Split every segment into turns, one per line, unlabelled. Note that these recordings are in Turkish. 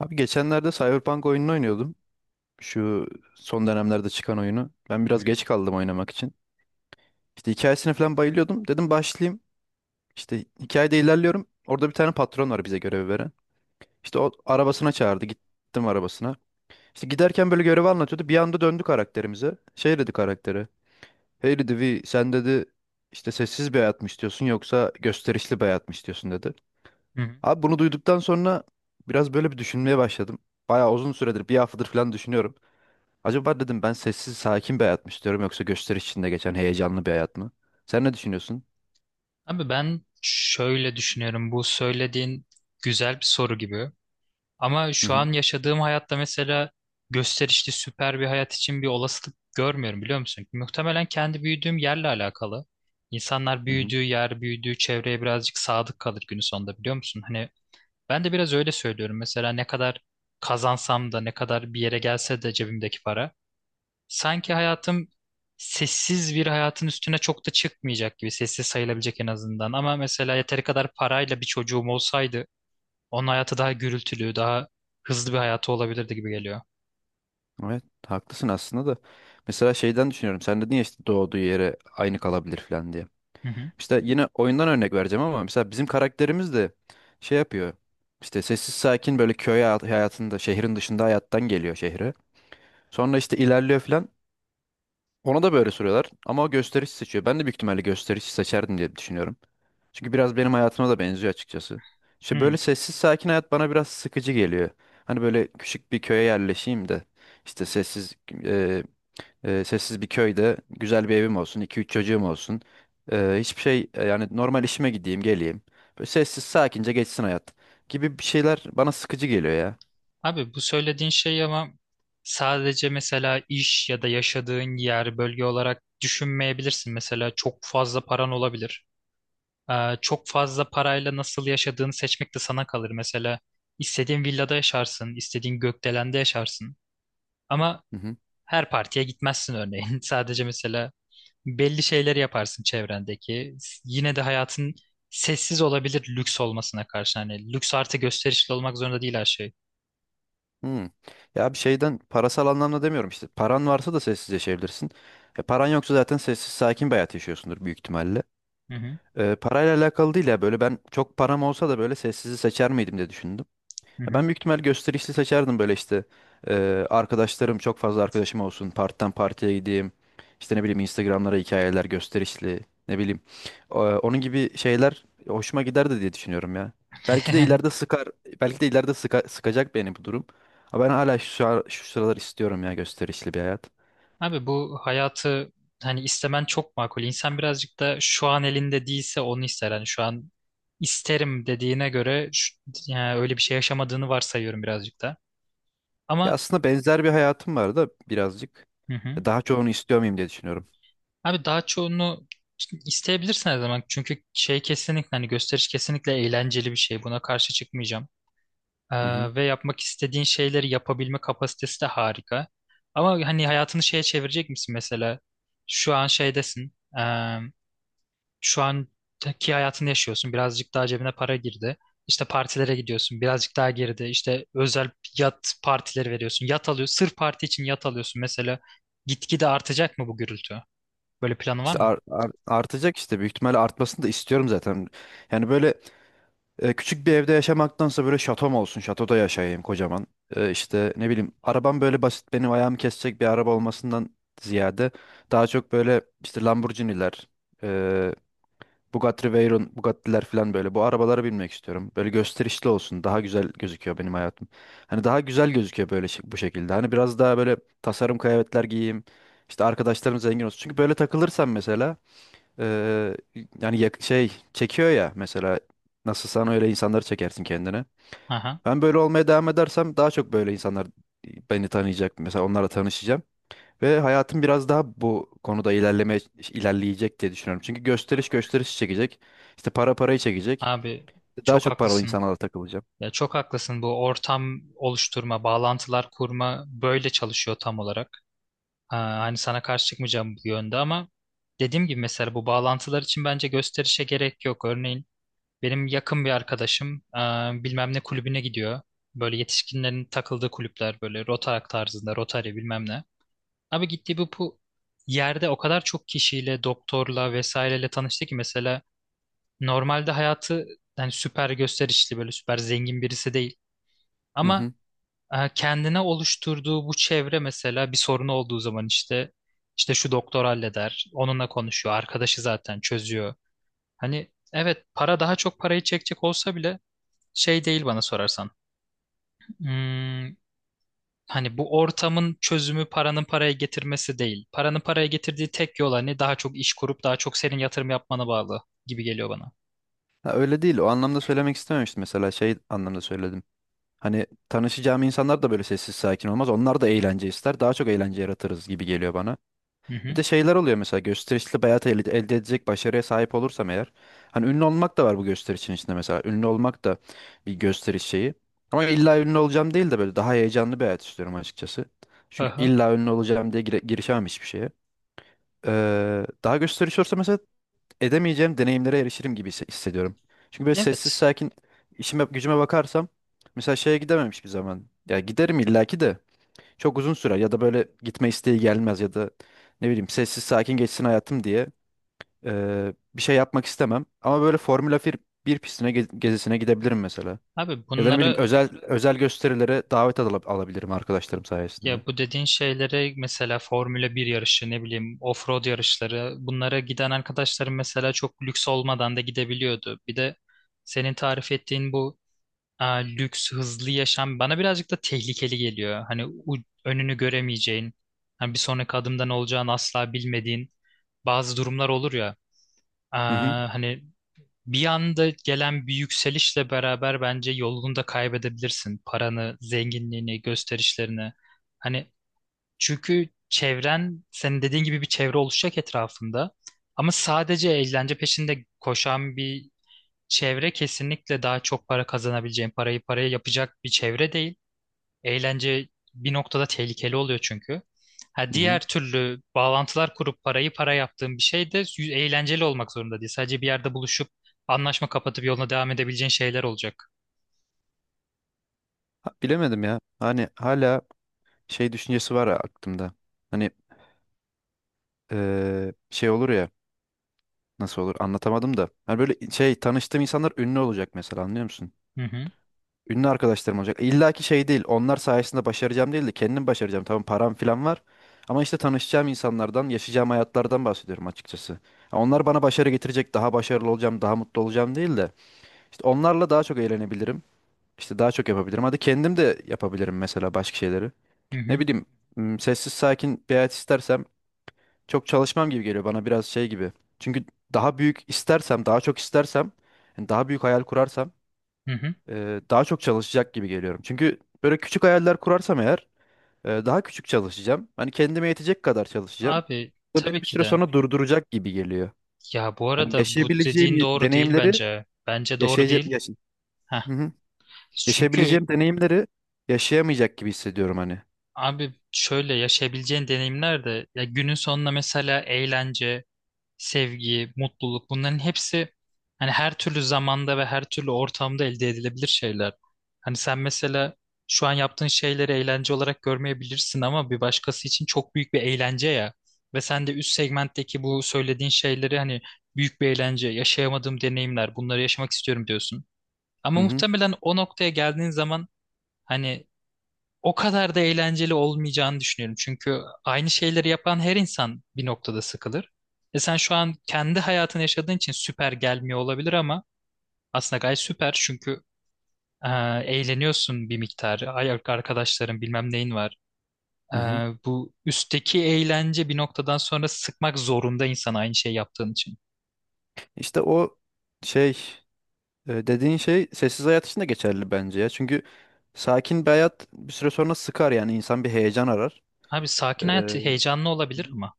Abi geçenlerde Cyberpunk oyununu oynuyordum. Şu son dönemlerde çıkan oyunu. Ben
Hı
biraz
hı.
geç kaldım oynamak için. İşte hikayesine falan bayılıyordum. Dedim başlayayım. İşte hikayede ilerliyorum. Orada bir tane patron var bize görevi veren. İşte o arabasına çağırdı. Gittim arabasına. İşte giderken böyle görevi anlatıyordu. Bir anda döndü karakterimize. Şey dedi karaktere. Hey dedi, "Vi, sen dedi işte sessiz bir hayat mı istiyorsun yoksa gösterişli bir hayat mı istiyorsun?" dedi.
Hı hı.
Abi bunu duyduktan sonra biraz böyle bir düşünmeye başladım. Bayağı uzun süredir bir haftadır falan düşünüyorum. Acaba dedim ben sessiz sakin bir hayat mı istiyorum yoksa gösteri içinde geçen heyecanlı bir hayat mı? Sen ne düşünüyorsun?
Abi ben şöyle düşünüyorum. Bu söylediğin güzel bir soru gibi. Ama
Hı
şu
hı.
an yaşadığım hayatta mesela gösterişli süper bir hayat için bir olasılık görmüyorum, biliyor musun? Muhtemelen kendi büyüdüğüm yerle alakalı. İnsanlar
Hı hı.
büyüdüğü yer, büyüdüğü çevreye birazcık sadık kalır günün sonunda, biliyor musun? Hani ben de biraz öyle söylüyorum. Mesela ne kadar kazansam da, ne kadar bir yere gelse de cebimdeki para. Sanki hayatım sessiz bir hayatın üstüne çok da çıkmayacak gibi, sessiz sayılabilecek en azından. Ama mesela yeteri kadar parayla bir çocuğum olsaydı onun hayatı daha gürültülü, daha hızlı bir hayatı olabilirdi gibi geliyor.
Evet, haklısın aslında da. Mesela şeyden düşünüyorum. Sen dedin ya işte doğduğu yere aynı kalabilir falan diye.
Hı hı.
İşte yine oyundan örnek vereceğim ama mesela bizim karakterimiz de şey yapıyor. İşte sessiz sakin böyle köy hayatında şehrin dışında hayattan geliyor şehre. Sonra işte ilerliyor falan. Ona da böyle soruyorlar ama o gösterişi seçiyor. Ben de büyük ihtimalle gösterişi seçerdim diye düşünüyorum. Çünkü biraz benim hayatıma da benziyor açıkçası. İşte böyle
Hı.
sessiz sakin hayat bana biraz sıkıcı geliyor. Hani böyle küçük bir köye yerleşeyim de işte e, sessiz bir köyde güzel bir evim olsun, iki üç çocuğum olsun. Hiçbir şey yani normal işime gideyim, geleyim. Böyle sessiz sakince geçsin hayat gibi bir şeyler bana sıkıcı geliyor ya.
Abi bu söylediğin şey ama sadece mesela iş ya da yaşadığın yer, bölge olarak düşünmeyebilirsin. Mesela çok fazla paran olabilir. Çok fazla parayla nasıl yaşadığını seçmek de sana kalır. Mesela istediğin villada yaşarsın, istediğin gökdelende yaşarsın. Ama
Hı hı.
her partiye gitmezsin örneğin. Sadece mesela belli şeyleri yaparsın çevrendeki. Yine de hayatın sessiz olabilir, lüks olmasına karşı. Hani lüks artı gösterişli olmak zorunda değil her şey.
Hmm. Ya bir şeyden parasal anlamda demiyorum işte. Paran varsa da sessiz yaşayabilirsin. Paran yoksa zaten sessiz sakin bir hayat yaşıyorsundur büyük ihtimalle.
Hı hı.
Parayla alakalı değil ya böyle ben çok param olsa da böyle sessizi seçer miydim diye düşündüm.
Hı
Ya, ben
hı.
büyük ihtimal gösterişli seçerdim böyle işte arkadaşlarım çok fazla arkadaşım olsun partiden partiye gideyim işte ne bileyim Instagram'lara hikayeler gösterişli ne bileyim onun gibi şeyler hoşuma giderdi diye düşünüyorum ya. Belki de ileride sıkar, belki de ileride sıkacak beni bu durum. Ama ben hala şu sıralar istiyorum ya gösterişli bir hayat.
Abi bu hayatı hani istemen çok makul. İnsan birazcık da şu an elinde değilse onu ister. Hani şu an isterim dediğine göre yani öyle bir şey yaşamadığını varsayıyorum birazcık da.
Ya
Ama
aslında benzer bir hayatım var da birazcık
hı hı.
daha çoğunu istiyor muyum diye düşünüyorum.
Abi daha çoğunu isteyebilirsin her zaman. Çünkü şey, kesinlikle hani gösteriş kesinlikle eğlenceli bir şey. Buna karşı çıkmayacağım.
Hı hı.
Ve yapmak istediğin şeyleri yapabilme kapasitesi de harika. Ama hani hayatını şeye çevirecek misin mesela? Şu an şeydesin. ee, şu anki hayatını yaşıyorsun. Birazcık daha cebine para girdi. İşte partilere gidiyorsun. Birazcık daha girdi. İşte özel yat partileri veriyorsun. Yat alıyorsun. Sırf parti için yat alıyorsun mesela. Gitgide artacak mı bu gürültü? Böyle planı var
İşte
mı?
artacak, işte büyük ihtimalle artmasını da istiyorum zaten. Yani böyle küçük bir evde yaşamaktansa böyle şatom olsun. Şatoda yaşayayım kocaman. İşte ne bileyim arabam böyle basit benim ayağımı kesecek bir araba olmasından ziyade daha çok böyle işte Lamborghini'ler, e, Bugatti Veyron, Bugatti'ler falan böyle bu arabalara binmek istiyorum. Böyle gösterişli olsun. Daha güzel gözüküyor benim hayatım. Hani daha güzel gözüküyor böyle bu şekilde. Hani biraz daha böyle tasarım kıyafetler giyeyim. İşte arkadaşlarım zengin olsun. Çünkü böyle takılırsam mesela ee, yani şey çekiyor ya, mesela nasıl sen öyle insanları çekersin kendine.
Aha.
Ben böyle olmaya devam edersem daha çok böyle insanlar beni tanıyacak. Mesela onlarla tanışacağım ve hayatım biraz daha bu konuda ilerleyecek diye düşünüyorum. Çünkü gösteriş gösteriş çekecek. İşte para parayı çekecek.
Abi
Daha
çok
çok paralı
haklısın.
insanlarla takılacağım.
Ya çok haklısın. Bu ortam oluşturma, bağlantılar kurma böyle çalışıyor tam olarak. Ha, hani sana karşı çıkmayacağım bu yönde ama dediğim gibi mesela bu bağlantılar için bence gösterişe gerek yok. Örneğin benim yakın bir arkadaşım bilmem ne kulübüne gidiyor. Böyle yetişkinlerin takıldığı kulüpler, böyle Rotaract tarzında, Rotary bilmem ne. Abi gittiği bu yerde o kadar çok kişiyle, doktorla vesaireyle tanıştı ki mesela normalde hayatı yani süper gösterişli, böyle süper zengin birisi değil.
Hı
Ama
hı.
kendine oluşturduğu bu çevre, mesela bir sorunu olduğu zaman işte şu doktor halleder, onunla konuşuyor, arkadaşı zaten çözüyor. Hani evet, para daha çok parayı çekecek olsa bile şey değil bana sorarsan. Hmm, hani bu ortamın çözümü paranın paraya getirmesi değil. Paranın paraya getirdiği tek yol hani daha çok iş kurup daha çok senin yatırım yapmana bağlı gibi geliyor bana.
Ha, öyle değil. O anlamda söylemek istememiştim. Mesela şey anlamda söyledim. Hani tanışacağım insanlar da böyle sessiz sakin olmaz. Onlar da eğlence ister. Daha çok eğlence yaratırız gibi geliyor bana.
Hı
Bir
hı.
de şeyler oluyor mesela gösterişli bir hayat elde edecek başarıya sahip olursam eğer. Hani ünlü olmak da var bu gösterişin içinde mesela. Ünlü olmak da bir gösteriş şeyi. Ama illa ünlü olacağım değil de böyle daha heyecanlı bir hayat istiyorum açıkçası. Çünkü
Aha.
illa ünlü olacağım diye girişemem hiçbir şeye. Daha gösteriş olursa mesela edemeyeceğim deneyimlere erişirim gibi hissediyorum. Çünkü böyle sessiz
Evet.
sakin işime gücüme bakarsam mesela şeye gidemem hiçbir zaman. Ya giderim illaki de çok uzun sürer ya da böyle gitme isteği gelmez ya da ne bileyim sessiz sakin geçsin hayatım diye bir şey yapmak istemem. Ama böyle Formula 1 bir pistine gezisine gidebilirim mesela.
Abi
Ya da ne bileyim
bunlara
özel özel gösterilere davet alabilirim arkadaşlarım sayesinde.
ya bu dediğin şeylere mesela Formula bir yarışı, ne bileyim, offroad yarışları, bunlara giden arkadaşlarım mesela çok lüks olmadan da gidebiliyordu. Bir de senin tarif ettiğin bu, lüks hızlı yaşam bana birazcık da tehlikeli geliyor. Hani önünü göremeyeceğin, hani bir sonraki adımda ne olacağını asla bilmediğin bazı durumlar olur ya.
Hı hı.
Hani bir anda gelen bir yükselişle beraber bence yolunu da kaybedebilirsin. Paranı, zenginliğini, gösterişlerini. Hani çünkü çevren, senin dediğin gibi bir çevre oluşacak etrafında. Ama sadece eğlence peşinde koşan bir çevre kesinlikle daha çok para kazanabileceğin, parayı paraya yapacak bir çevre değil. Eğlence bir noktada tehlikeli oluyor çünkü. Ha,
Hı
diğer
hı.
türlü bağlantılar kurup parayı para yaptığın bir şey de eğlenceli olmak zorunda değil. Sadece bir yerde buluşup anlaşma kapatıp yoluna devam edebileceğin şeyler olacak.
Ha, bilemedim ya. Hani hala şey düşüncesi var aklımda. Hani şey olur ya nasıl olur anlatamadım da. Hani böyle şey tanıştığım insanlar ünlü olacak mesela, anlıyor musun?
Hı hı,
Ünlü arkadaşlarım olacak. İlla ki şey değil. Onlar sayesinde başaracağım değil de kendim başaracağım. Tamam, param falan var. Ama işte tanışacağım insanlardan, yaşayacağım hayatlardan bahsediyorum açıkçası. Ha, onlar bana başarı getirecek, daha başarılı olacağım, daha mutlu olacağım değil de işte onlarla daha çok eğlenebilirim. İşte daha çok yapabilirim. Hadi, kendim de yapabilirim mesela başka şeyleri.
hı
Ne
hı,
bileyim, sessiz sakin bir hayat istersem çok çalışmam gibi geliyor bana biraz şey gibi. Çünkü daha büyük istersem, daha çok istersem, yani daha büyük hayal kurarsam
hı hı.
daha çok çalışacak gibi geliyorum. Çünkü böyle küçük hayaller kurarsam eğer daha küçük çalışacağım. Hani kendime yetecek kadar çalışacağım.
Abi
Bu da beni
tabii
bir
ki
süre
de.
sonra durduracak gibi geliyor.
Ya bu
Hani
arada bu
yaşayabileceğim
dediğin doğru değil
deneyimleri
bence. Bence doğru
yaşayacak
değil.
yaşa
Heh.
Hı hı.
Çünkü
Yaşayabileceğim deneyimleri yaşayamayacak gibi hissediyorum hani.
abi şöyle, yaşayabileceğin deneyimler de ya günün sonunda, mesela eğlence, sevgi, mutluluk, bunların hepsi hani her türlü zamanda ve her türlü ortamda elde edilebilir şeyler. Hani sen mesela şu an yaptığın şeyleri eğlence olarak görmeyebilirsin ama bir başkası için çok büyük bir eğlence ya. Ve sen de üst segmentteki bu söylediğin şeyleri hani büyük bir eğlence, yaşayamadığım deneyimler, bunları yaşamak istiyorum diyorsun.
Hı
Ama
hı.
muhtemelen o noktaya geldiğin zaman hani o kadar da eğlenceli olmayacağını düşünüyorum. Çünkü aynı şeyleri yapan her insan bir noktada sıkılır. E sen şu an kendi hayatını yaşadığın için süper gelmiyor olabilir ama aslında gayet süper, çünkü e, eğleniyorsun bir miktar. Ay, arkadaşların bilmem neyin var. E,
Hı hı.
bu üstteki eğlence bir noktadan sonra sıkmak zorunda, insan aynı şey yaptığın için.
İşte o şey, dediğin şey sessiz hayat için de geçerli bence ya. Çünkü sakin bir hayat bir süre sonra sıkar, yani insan bir heyecan
Abi sakin hayat
arar.
heyecanlı olabilir ama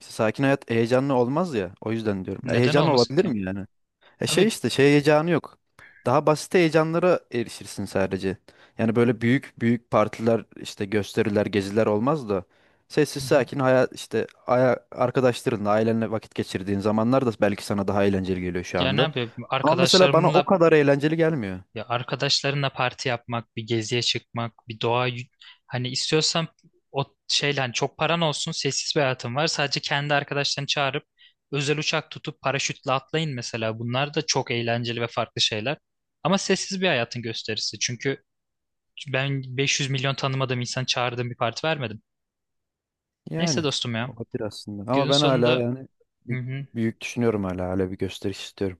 İşte sakin hayat heyecanlı olmaz ya. O yüzden diyorum. E,
neden
Heyecanlı
olmasın
olabilir
ki?
mi yani? E şey
Abi
işte şey heyecanı yok. Daha basit heyecanlara erişirsin sadece. Yani böyle büyük büyük partiler işte gösteriler geziler olmaz da. Sessiz
hı hı.
sakin hayat işte arkadaşlarınla ailenle vakit geçirdiğin zamanlar da belki sana daha eğlenceli geliyor şu
Yani
anda.
abi
Ama mesela bana o
arkadaşlarımla
kadar eğlenceli gelmiyor.
ya arkadaşlarınla parti yapmak, bir geziye çıkmak, bir hani istiyorsan o şeyle, hani çok paran olsun, sessiz bir hayatın var. Sadece kendi arkadaşlarını çağırıp özel uçak tutup paraşütle atlayın mesela. Bunlar da çok eğlenceli ve farklı şeyler. Ama sessiz bir hayatın gösterisi. Çünkü ben 500 milyon tanımadığım insan çağırdığım bir parti vermedim. Neyse
Yani
dostum ya.
olabilir aslında. Ama
Günün
ben hala
sonunda
yani
hı
bir-
hı.
büyük düşünüyorum, hala bir gösteriş istiyorum.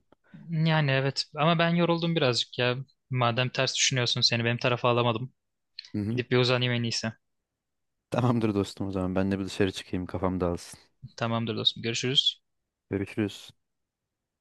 Yani evet ama ben yoruldum birazcık ya. Madem ters düşünüyorsun, seni benim tarafa alamadım.
Hı hı.
Gidip bir uzanayım en iyisi.
Tamamdır dostum, o zaman ben de bir dışarı çıkayım kafam dağılsın.
Tamamdır dostum. Görüşürüz.
Görüşürüz.